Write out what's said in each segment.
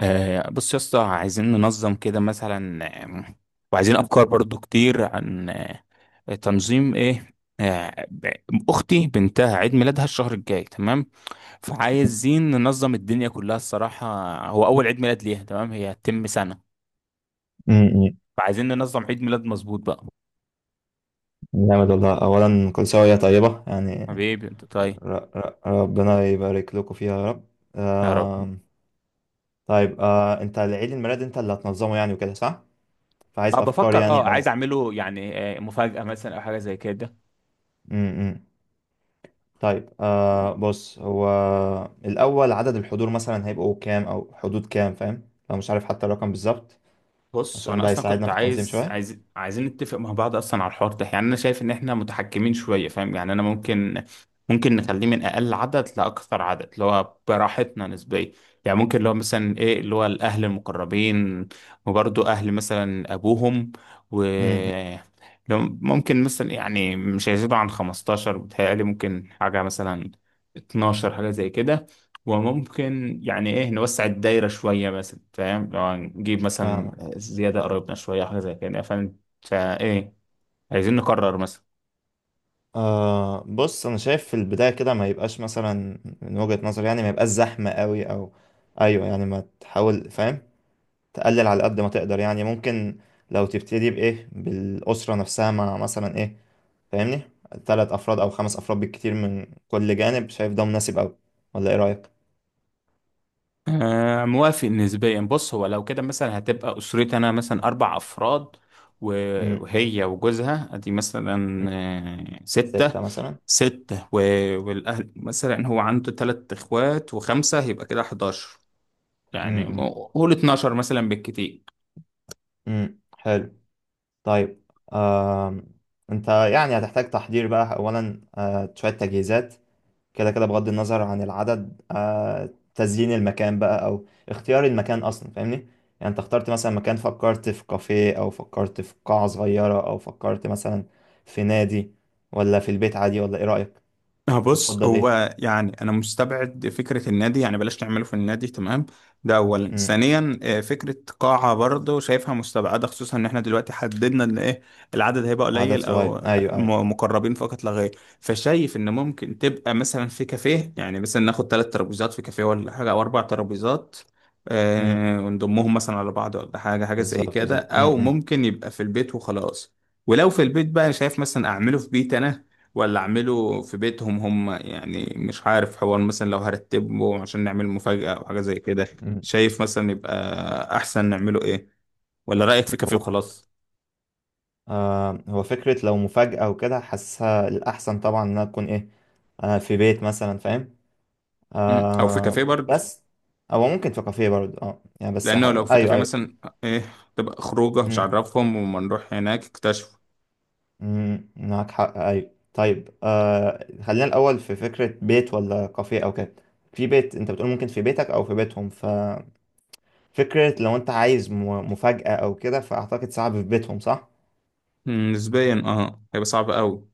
بص يا اسطى عايزين ننظم كده مثلا. آم، وعايزين افكار برضو كتير عن تنظيم ايه؟ آه، ب- اختي بنتها عيد ميلادها الشهر الجاي، تمام. فعايزين ننظم الدنيا كلها الصراحة. هو اول عيد ميلاد ليها، تمام. هي هتتم سنة. م- م. فعايزين ننظم عيد ميلاد مظبوط بقى. جامد والله، أولا كل سنة وهي طيبة يعني. حبيبي انت طيب. ر ر ربنا يبارك لكم فيها يا رب. يا رب. آم، طيب، أنت العيد الميلاد أنت اللي هتنظمه يعني وكده، صح؟ فعايز اه أفكار بفكر، يعني أو عايز اعمله يعني مفاجأة مثلا او حاجة زي كده. م -م. طيب، بص، هو الأول عدد الحضور مثلا هيبقوا كام أو حدود كام، فاهم؟ لو مش عارف حتى الرقم بالظبط، بص عشان وانا ده اصلا هيساعدنا كنت في التنظيم عايز شوية. عايز عايزين نتفق مع بعض اصلا على الحوار ده. يعني انا شايف ان احنا متحكمين شويه فاهم. يعني انا ممكن نخليه من اقل عدد لاكثر عدد اللي هو براحتنا نسبيا. يعني ممكن اللي هو مثلا ايه اللي هو الاهل المقربين، وبرضه اهل مثلا ابوهم. و م- م. لو ممكن مثلا يعني مش هيزيدوا عن 15 بتهيألي ممكن حاجه مثلا 12، حاجه زي كده. وممكن يعني ايه نوسع الدايرة شوية مثلا فاهم، لو نجيب مثلا فاهمك. زيادة قريبنا شوية، حاجة زي كده فاهم. فايه عايزين نقرر مثلا. بص، انا شايف في البدايه كده ما يبقاش مثلا، من وجهه نظري يعني ما يبقاش زحمه قوي او ايوه يعني ما تحاول، فاهم، تقلل على قد ما تقدر يعني. ممكن لو تبتدي بايه بالاسره نفسها مع مثلا ايه، فاهمني، ثلاث افراد او خمس افراد بالكتير من كل جانب. شايف ده مناسب قوي ولا ايه رايك؟ موافق نسبيا. بص هو لو كده مثلا هتبقى أسرتي أنا مثلا 4 أفراد، و- امم. وهي وجوزها أدي مثلا 6. سته مثلا. 6 و- والأهل مثلا هو عنده 3 إخوات و5، يبقى كده 11 يعني. امم. قول 12 مثلا بالكتير. امم، حلو. طيب. آه انت يعني هتحتاج تحضير بقى اولا، شويه تجهيزات، كده كده بغض النظر عن العدد، تزيين المكان بقى او اختيار المكان اصلا، فاهمني. يعني انت اخترت مثلا مكان، فكرت في كافيه او فكرت في قاعة صغيرة او فكرت مثلا في نادي، ولا في البيت عادي، ولا ايه رأيك؟ اه انت بص تفضل ايه؟ هو يعني انا مستبعد فكره النادي، يعني بلاش تعمله في النادي، تمام. ده اولا. امم. ثانيا فكره قاعه برضه شايفها مستبعده، خصوصا ان احنا دلوقتي حددنا ان ايه العدد هيبقى عدد قليل او صغير، ايوه ايوه. مقربين فقط لا غير. فشايف ان ممكن تبقى مثلا في كافيه، يعني مثلا ناخد 3 ترابيزات في كافيه ولا حاجه، او 4 ترابيزات امم، ونضمهم مثلا على بعض ولا حاجه زي بالظبط كده، بالظبط. او امم. ممكن يبقى في البيت وخلاص. ولو في البيت بقى شايف مثلا اعمله في بيت انا ولا اعمله في بيتهم هم؟ يعني مش عارف، حوار مثلا لو هرتبه عشان نعمل مفاجأة او حاجة زي كده. امم. شايف مثلا يبقى احسن نعمله ايه؟ ولا رأيك في كافيه هو وخلاص؟ هو فكرة لو مفاجأة وكده حاسسها الأحسن طبعا إنها تكون إيه، في بيت مثلا، فاهم. او في آه كافيه برضه. بس هو ممكن في كافيه برضه، اه يعني، بس لانه لو في ايوه كافيه ايوه. مثلا ايه تبقى خروجه مش مم. عارفهم، وما نروح هناك اكتشفوا. مم، معاك حق، ايوه، طيب، خلينا الاول في فكره بيت ولا كافيه او كده. في بيت، انت بتقول ممكن في بيتك او في بيتهم، ففكره لو انت عايز مفاجاه او كده، فاعتقد صعب في بيتهم، صح. نسبيا هيبقى صعب قوي.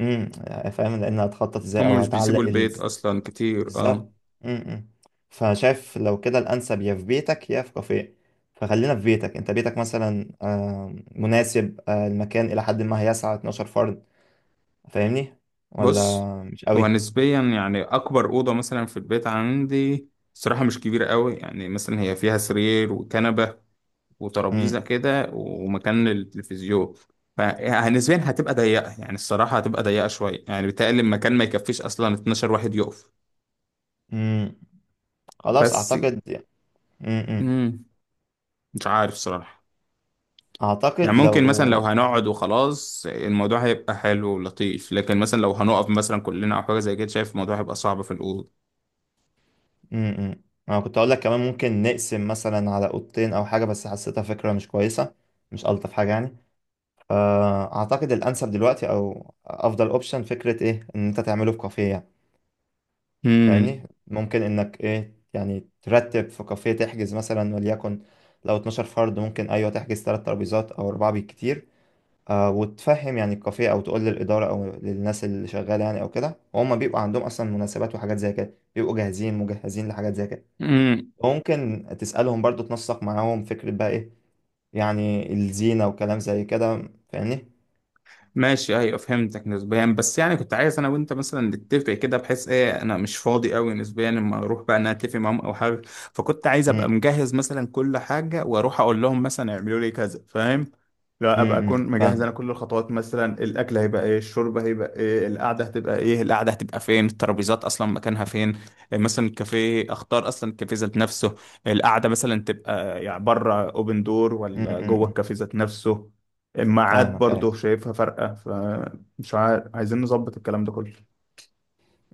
امم، فاهم، لان هتخطط ازاي هم او مش هتعلق بيسيبوا البيت اصلا كتير اه بالظبط. م-م. فشايف لو كده الأنسب يا في بيتك يا في كافيه. فخلينا في بيتك، أنت بيتك مثلا مناسب، المكان إلى حد ما هيسع 12 فرد، فاهمني، بص ولا مش هو قوي؟ نسبيا يعني اكبر اوضه مثلا في البيت عندي الصراحه مش كبيره قوي. يعني مثلا هي فيها سرير وكنبه م-م. وترابيزه كده ومكان للتلفزيون. فنسبيا هتبقى ضيقه، يعني الصراحه هتبقى ضيقه شويه. يعني بيتهيألي المكان ما يكفيش اصلا 12 واحد يقف. مم، خلاص بس أعتقد. م-م. مم. مش عارف صراحه. يعني أعتقد لو ممكن مثلا لو هنقعد وخلاص الموضوع هيبقى حلو ولطيف، لكن مثلا لو هنقف مثلا كلنا او حاجه زي كده شايف الموضوع هيبقى صعب في الاوضه. م-م. أنا كنت أقول لك كمان ممكن نقسم مثلا على أوضتين أو حاجة، بس حسيتها فكرة مش كويسة، مش ألطف حاجة يعني. فأعتقد الأنسب دلوقتي أو أفضل أوبشن فكرة إيه إن أنت تعمله في كافيه يعني. فاهمني، ممكن انك ايه يعني ترتب في كافيه، تحجز مثلا، وليكن لو 12 فرد ممكن، ايوه، تحجز ثلاث ترابيزات او اربعه بالكتير. وتفهم يعني الكافيه او تقول للاداره او للناس اللي شغاله يعني او كده، وهم بيبقى عندهم اصلا مناسبات وحاجات زي كده، بيبقوا جاهزين مجهزين لحاجات زي كده. امم وممكن تسالهم برضو، تنسق معاهم فكره بقى ايه يعني الزينه وكلام زي كده، فاهمني. ماشي، ايوه فهمتك نسبيا. بس يعني كنت عايز انا وانت مثلا نتفق كده، بحيث ايه انا مش فاضي قوي نسبيا اما اروح بقى انا اتفق معاهم او حاجه. فكنت عايز ابقى امم. مجهز مثلا كل حاجه، واروح اقول لهم مثلا اعملوا لي كذا فاهم. لا، ابقى اكون امم، مجهز فاهم. انا كل الخطوات. مثلا الاكل هيبقى ايه؟ الشرب هيبقى ايه؟ القعده هتبقى ايه؟ القعده هتبقى فين؟ الترابيزات اصلا مكانها فين؟ إيه مثلا الكافيه؟ اختار اصلا الكافيه ذات نفسه. القعده مثلا تبقى يعني بره اوبن دور ولا جوه امم، الكافيه ذات نفسه. الميعاد فاهمك، ايوه. برضه شايفها فرقة. فمش عارف، عايزين نظبط الكلام ده كله.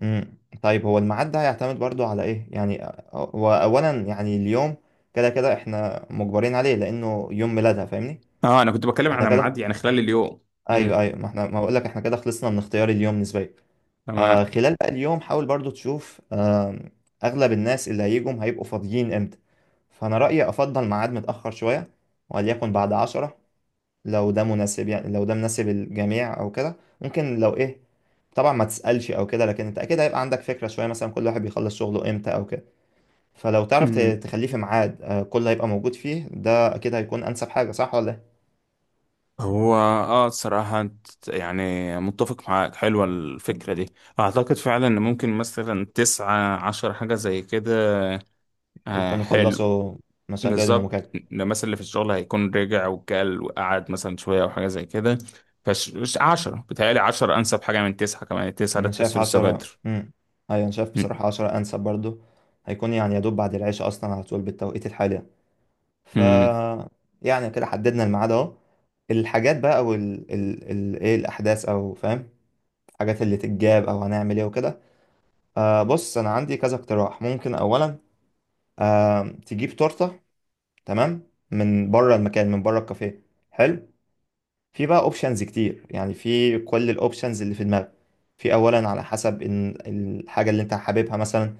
امم. طيب، هو الميعاد ده هيعتمد برضو على ايه يعني؟ هو اولا يعني اليوم كده كده احنا مجبرين عليه لانه يوم ميلادها، فاهمني. اه انا كنت بتكلم احنا على كده، ميعاد يعني خلال اليوم. ايوه امم. ايوه، ما احنا ما بقول لك احنا كده خلصنا من اختيار اليوم نسبيا. تمام. خلال بقى اليوم حاول برضو تشوف، اغلب الناس اللي هيجوا هيبقوا فاضيين امتى. فانا رايي افضل ميعاد متاخر شويه، وليكن بعد 10، لو ده مناسب يعني، لو ده مناسب الجميع او كده ممكن. لو ايه، طبعا ما تسألش او كده، لكن انت اكيد هيبقى عندك فكرة شوية مثلا كل واحد بيخلص شغله امتى او كده. فلو تعرف أمم. تخليه في ميعاد كله هيبقى موجود فيه، ده اكيد هيكون انسب حاجة، صح ولا ايه؟ هو الصراحة يعني متفق معاك. حلوة الفكرة دي. اعتقد فعلا ان ممكن مثلا 19 حاجة زي كده. آه، هيكونوا حلو. خلصوا مشاغلهم بالظبط، وكده. ده مثلا اللي في الشغل هيكون رجع وكل وقعد مثلا شوية او حاجة زي كده. فش، مش 10 بتهيألي، 10 انسب حاجة من 9. كمان التسعة ده انا شايف تحسه لسه 10. بدر. امم، ايوه، انا شايف بصراحة 10 انسب برضو. هيكون يعني يا دوب بعد العشاء اصلا على طول بالتوقيت الحالي يعني. ف مم. يعني كده حددنا الميعاد اهو. الحاجات بقى او ال ال ال ايه، الاحداث او، فاهم، الحاجات اللي تتجاب او هنعمل ايه وكده. بص، انا عندي كذا اقتراح. ممكن اولا تجيب تورته، تمام، من بره المكان، من بره الكافيه، حلو. في بقى اوبشنز كتير يعني، في كل الاوبشنز اللي في دماغك. في اولا على حسب ان الحاجه اللي انت حاببها مثلا،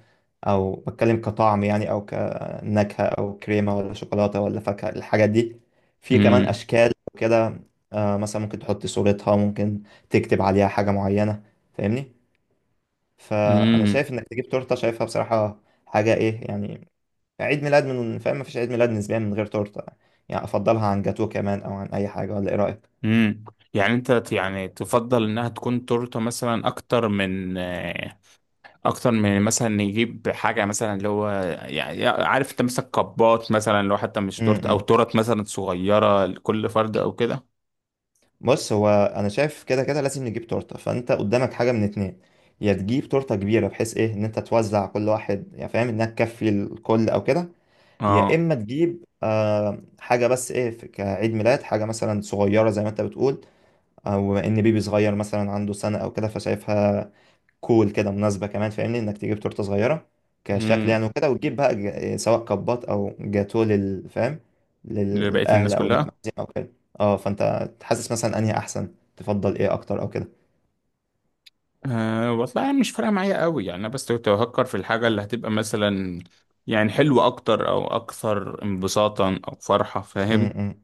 او بتكلم كطعم يعني او كنكهه، او كريمه ولا شوكولاته ولا فاكهه الحاجات دي. في كمان مم. اشكال كده. مثلا ممكن تحط صورتها، ممكن تكتب عليها حاجه معينه، فاهمني. فانا امم. شايف انك تجيب تورته، شايفها بصراحه حاجه ايه يعني، عيد ميلاد من، فاهم، مفيش عيد ميلاد نسبيا من غير تورته يعني. افضلها عن جاتوه كمان او عن اي حاجه، ولا ايه رايك؟ امم. يعني انت يعني تفضل انها تكون تورته مثلا اكتر من اكتر من مثلا نجيب حاجه مثلا اللي هو، يعني عارف انت مثلا كبات مثلا لو حتى مش امم. تورته، او إمم. تورت مثلا صغيره لكل فرد او كده. بص، هو انا شايف كده كده لازم نجيب تورته، فانت قدامك حاجه من اتنين. يا تجيب تورته كبيره بحيث ايه ان انت توزع كل واحد يعني فاهم، انها تكفي الكل او كده، يا اه. اما تجيب حاجه بس ايه كعيد ميلاد حاجه مثلا صغيره زي ما انت بتقول، او ان بيبي صغير مثلا عنده سنه او كده، فشايفها كول كده مناسبة كمان، فاهمني، انك تجيب تورتة صغيرة كشكل يعني، امم. وكده وتجيب بقى سواء كبات او جاتوه لل، فاهم، لبقيه للأهل الناس او كلها. للمعزيم او كده. اه، فانت تحسس مثلا انهي احسن تفضل ايه اكتر او كده. أه والله يعني مش فارقه معايا قوي. يعني انا بس كنت بفكر في الحاجه اللي هتبقى مثلا يعني حلوه اكتر، او اكثر انبساطا او فرحه م- فاهم. م.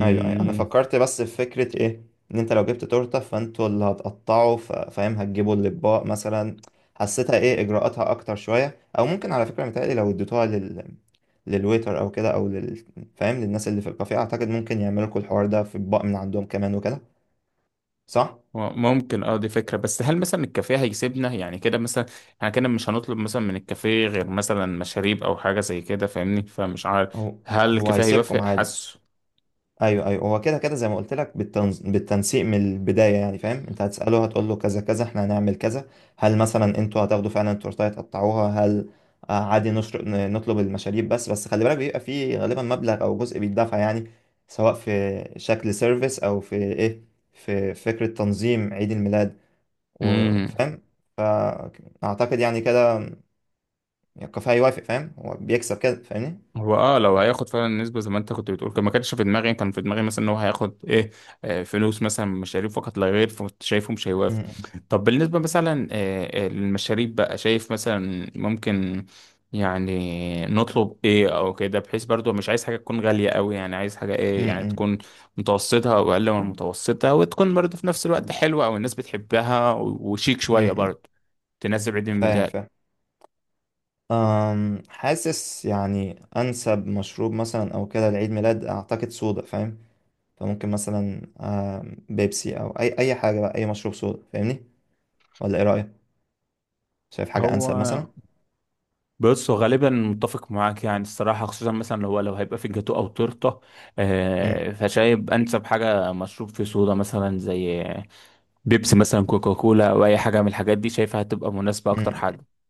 ايوه ايوه، انا فكرت بس في فكره ايه ان انت لو جبت تورته فانتوا اللي هتقطعوا فاهم، هتجيبوا الاطباق مثلا، حسيتها ايه اجراءاتها اكتر شويه. او ممكن، على فكره، متهيألي لو اديتوها لل، للويتر او كده، او لل، فاهم، للناس اللي في الكافيه، اعتقد ممكن يعملوا لكم الحوار ده في اطباق من عندهم كمان وكده، صح. ممكن، دي فكرة. بس هل مثلا الكافيه هيسيبنا يعني كده مثلا؟ احنا كده مش هنطلب مثلا من الكافيه غير مثلا مشاريب او حاجة زي كده فاهمني. فمش عارف هو هل الكافيه هيسيبكم هيوافق؟ عادي، حاسه. ايوه ايوه. هو كده كده زي ما قلت لك بالتنسيق من البدايه يعني، فاهم، انت هتساله هتقول له كذا كذا احنا هنعمل كذا. هل مثلا انتوا هتاخدوا فعلا التورتايه تقطعوها، هل عادي نطلب المشاريب بس. بس خلي بالك بيبقى فيه غالبا مبلغ او جزء بيدفع يعني، سواء في شكل سيرفيس او في ايه، في فكره تنظيم عيد الميلاد، امم. وفاهم. اعتقد يعني كده الكافيه هيوافق، فاهم، هو بيكسب كده، فاهمني. هو لو هياخد فعلا النسبة زي ما انت كنت بتقول، كان ما كانش في دماغي. كان في دماغي مثلا ان هو هياخد ايه فلوس مثلا من مشاريب فقط لا غير. فكنت شايفه مش هيوافق. م- طب بالنسبة مثلا للمشاريب بقى، شايف مثلا ممكن يعني نطلب ايه او كده، بحيث برضو مش عايز حاجة تكون غالية قوي. يعني عايز حاجة م- ايه يعني م- تكون متوسطة او اقل من متوسطة، وتكون برضو في نفس الوقت حلوة، او الناس بتحبها، وشيك م- شوية م- برضو تناسب عيد فاهم الميلاد. فاهم. حاسس يعني أنسب مشروب مثلا أو كده لعيد ميلاد أعتقد صودا، فاهم. فممكن مثلا بيبسي أو أي حاجة بقى، أي مشروب صودا، فاهمني، ولا إيه رأيك؟ شايف حاجة هو أنسب مثلا؟ بص هو غالبا متفق معاك يعني الصراحة، خصوصا مثلا لو هيبقى في جاتو أو تورتة مم. فشايب أنسب حاجة مشروب في صودا، مثلا زي بيبسي مثلا، كوكاكولا، أو أي حاجة من الحاجات دي، شايفها هتبقى مناسبة أكتر مم. حاجة.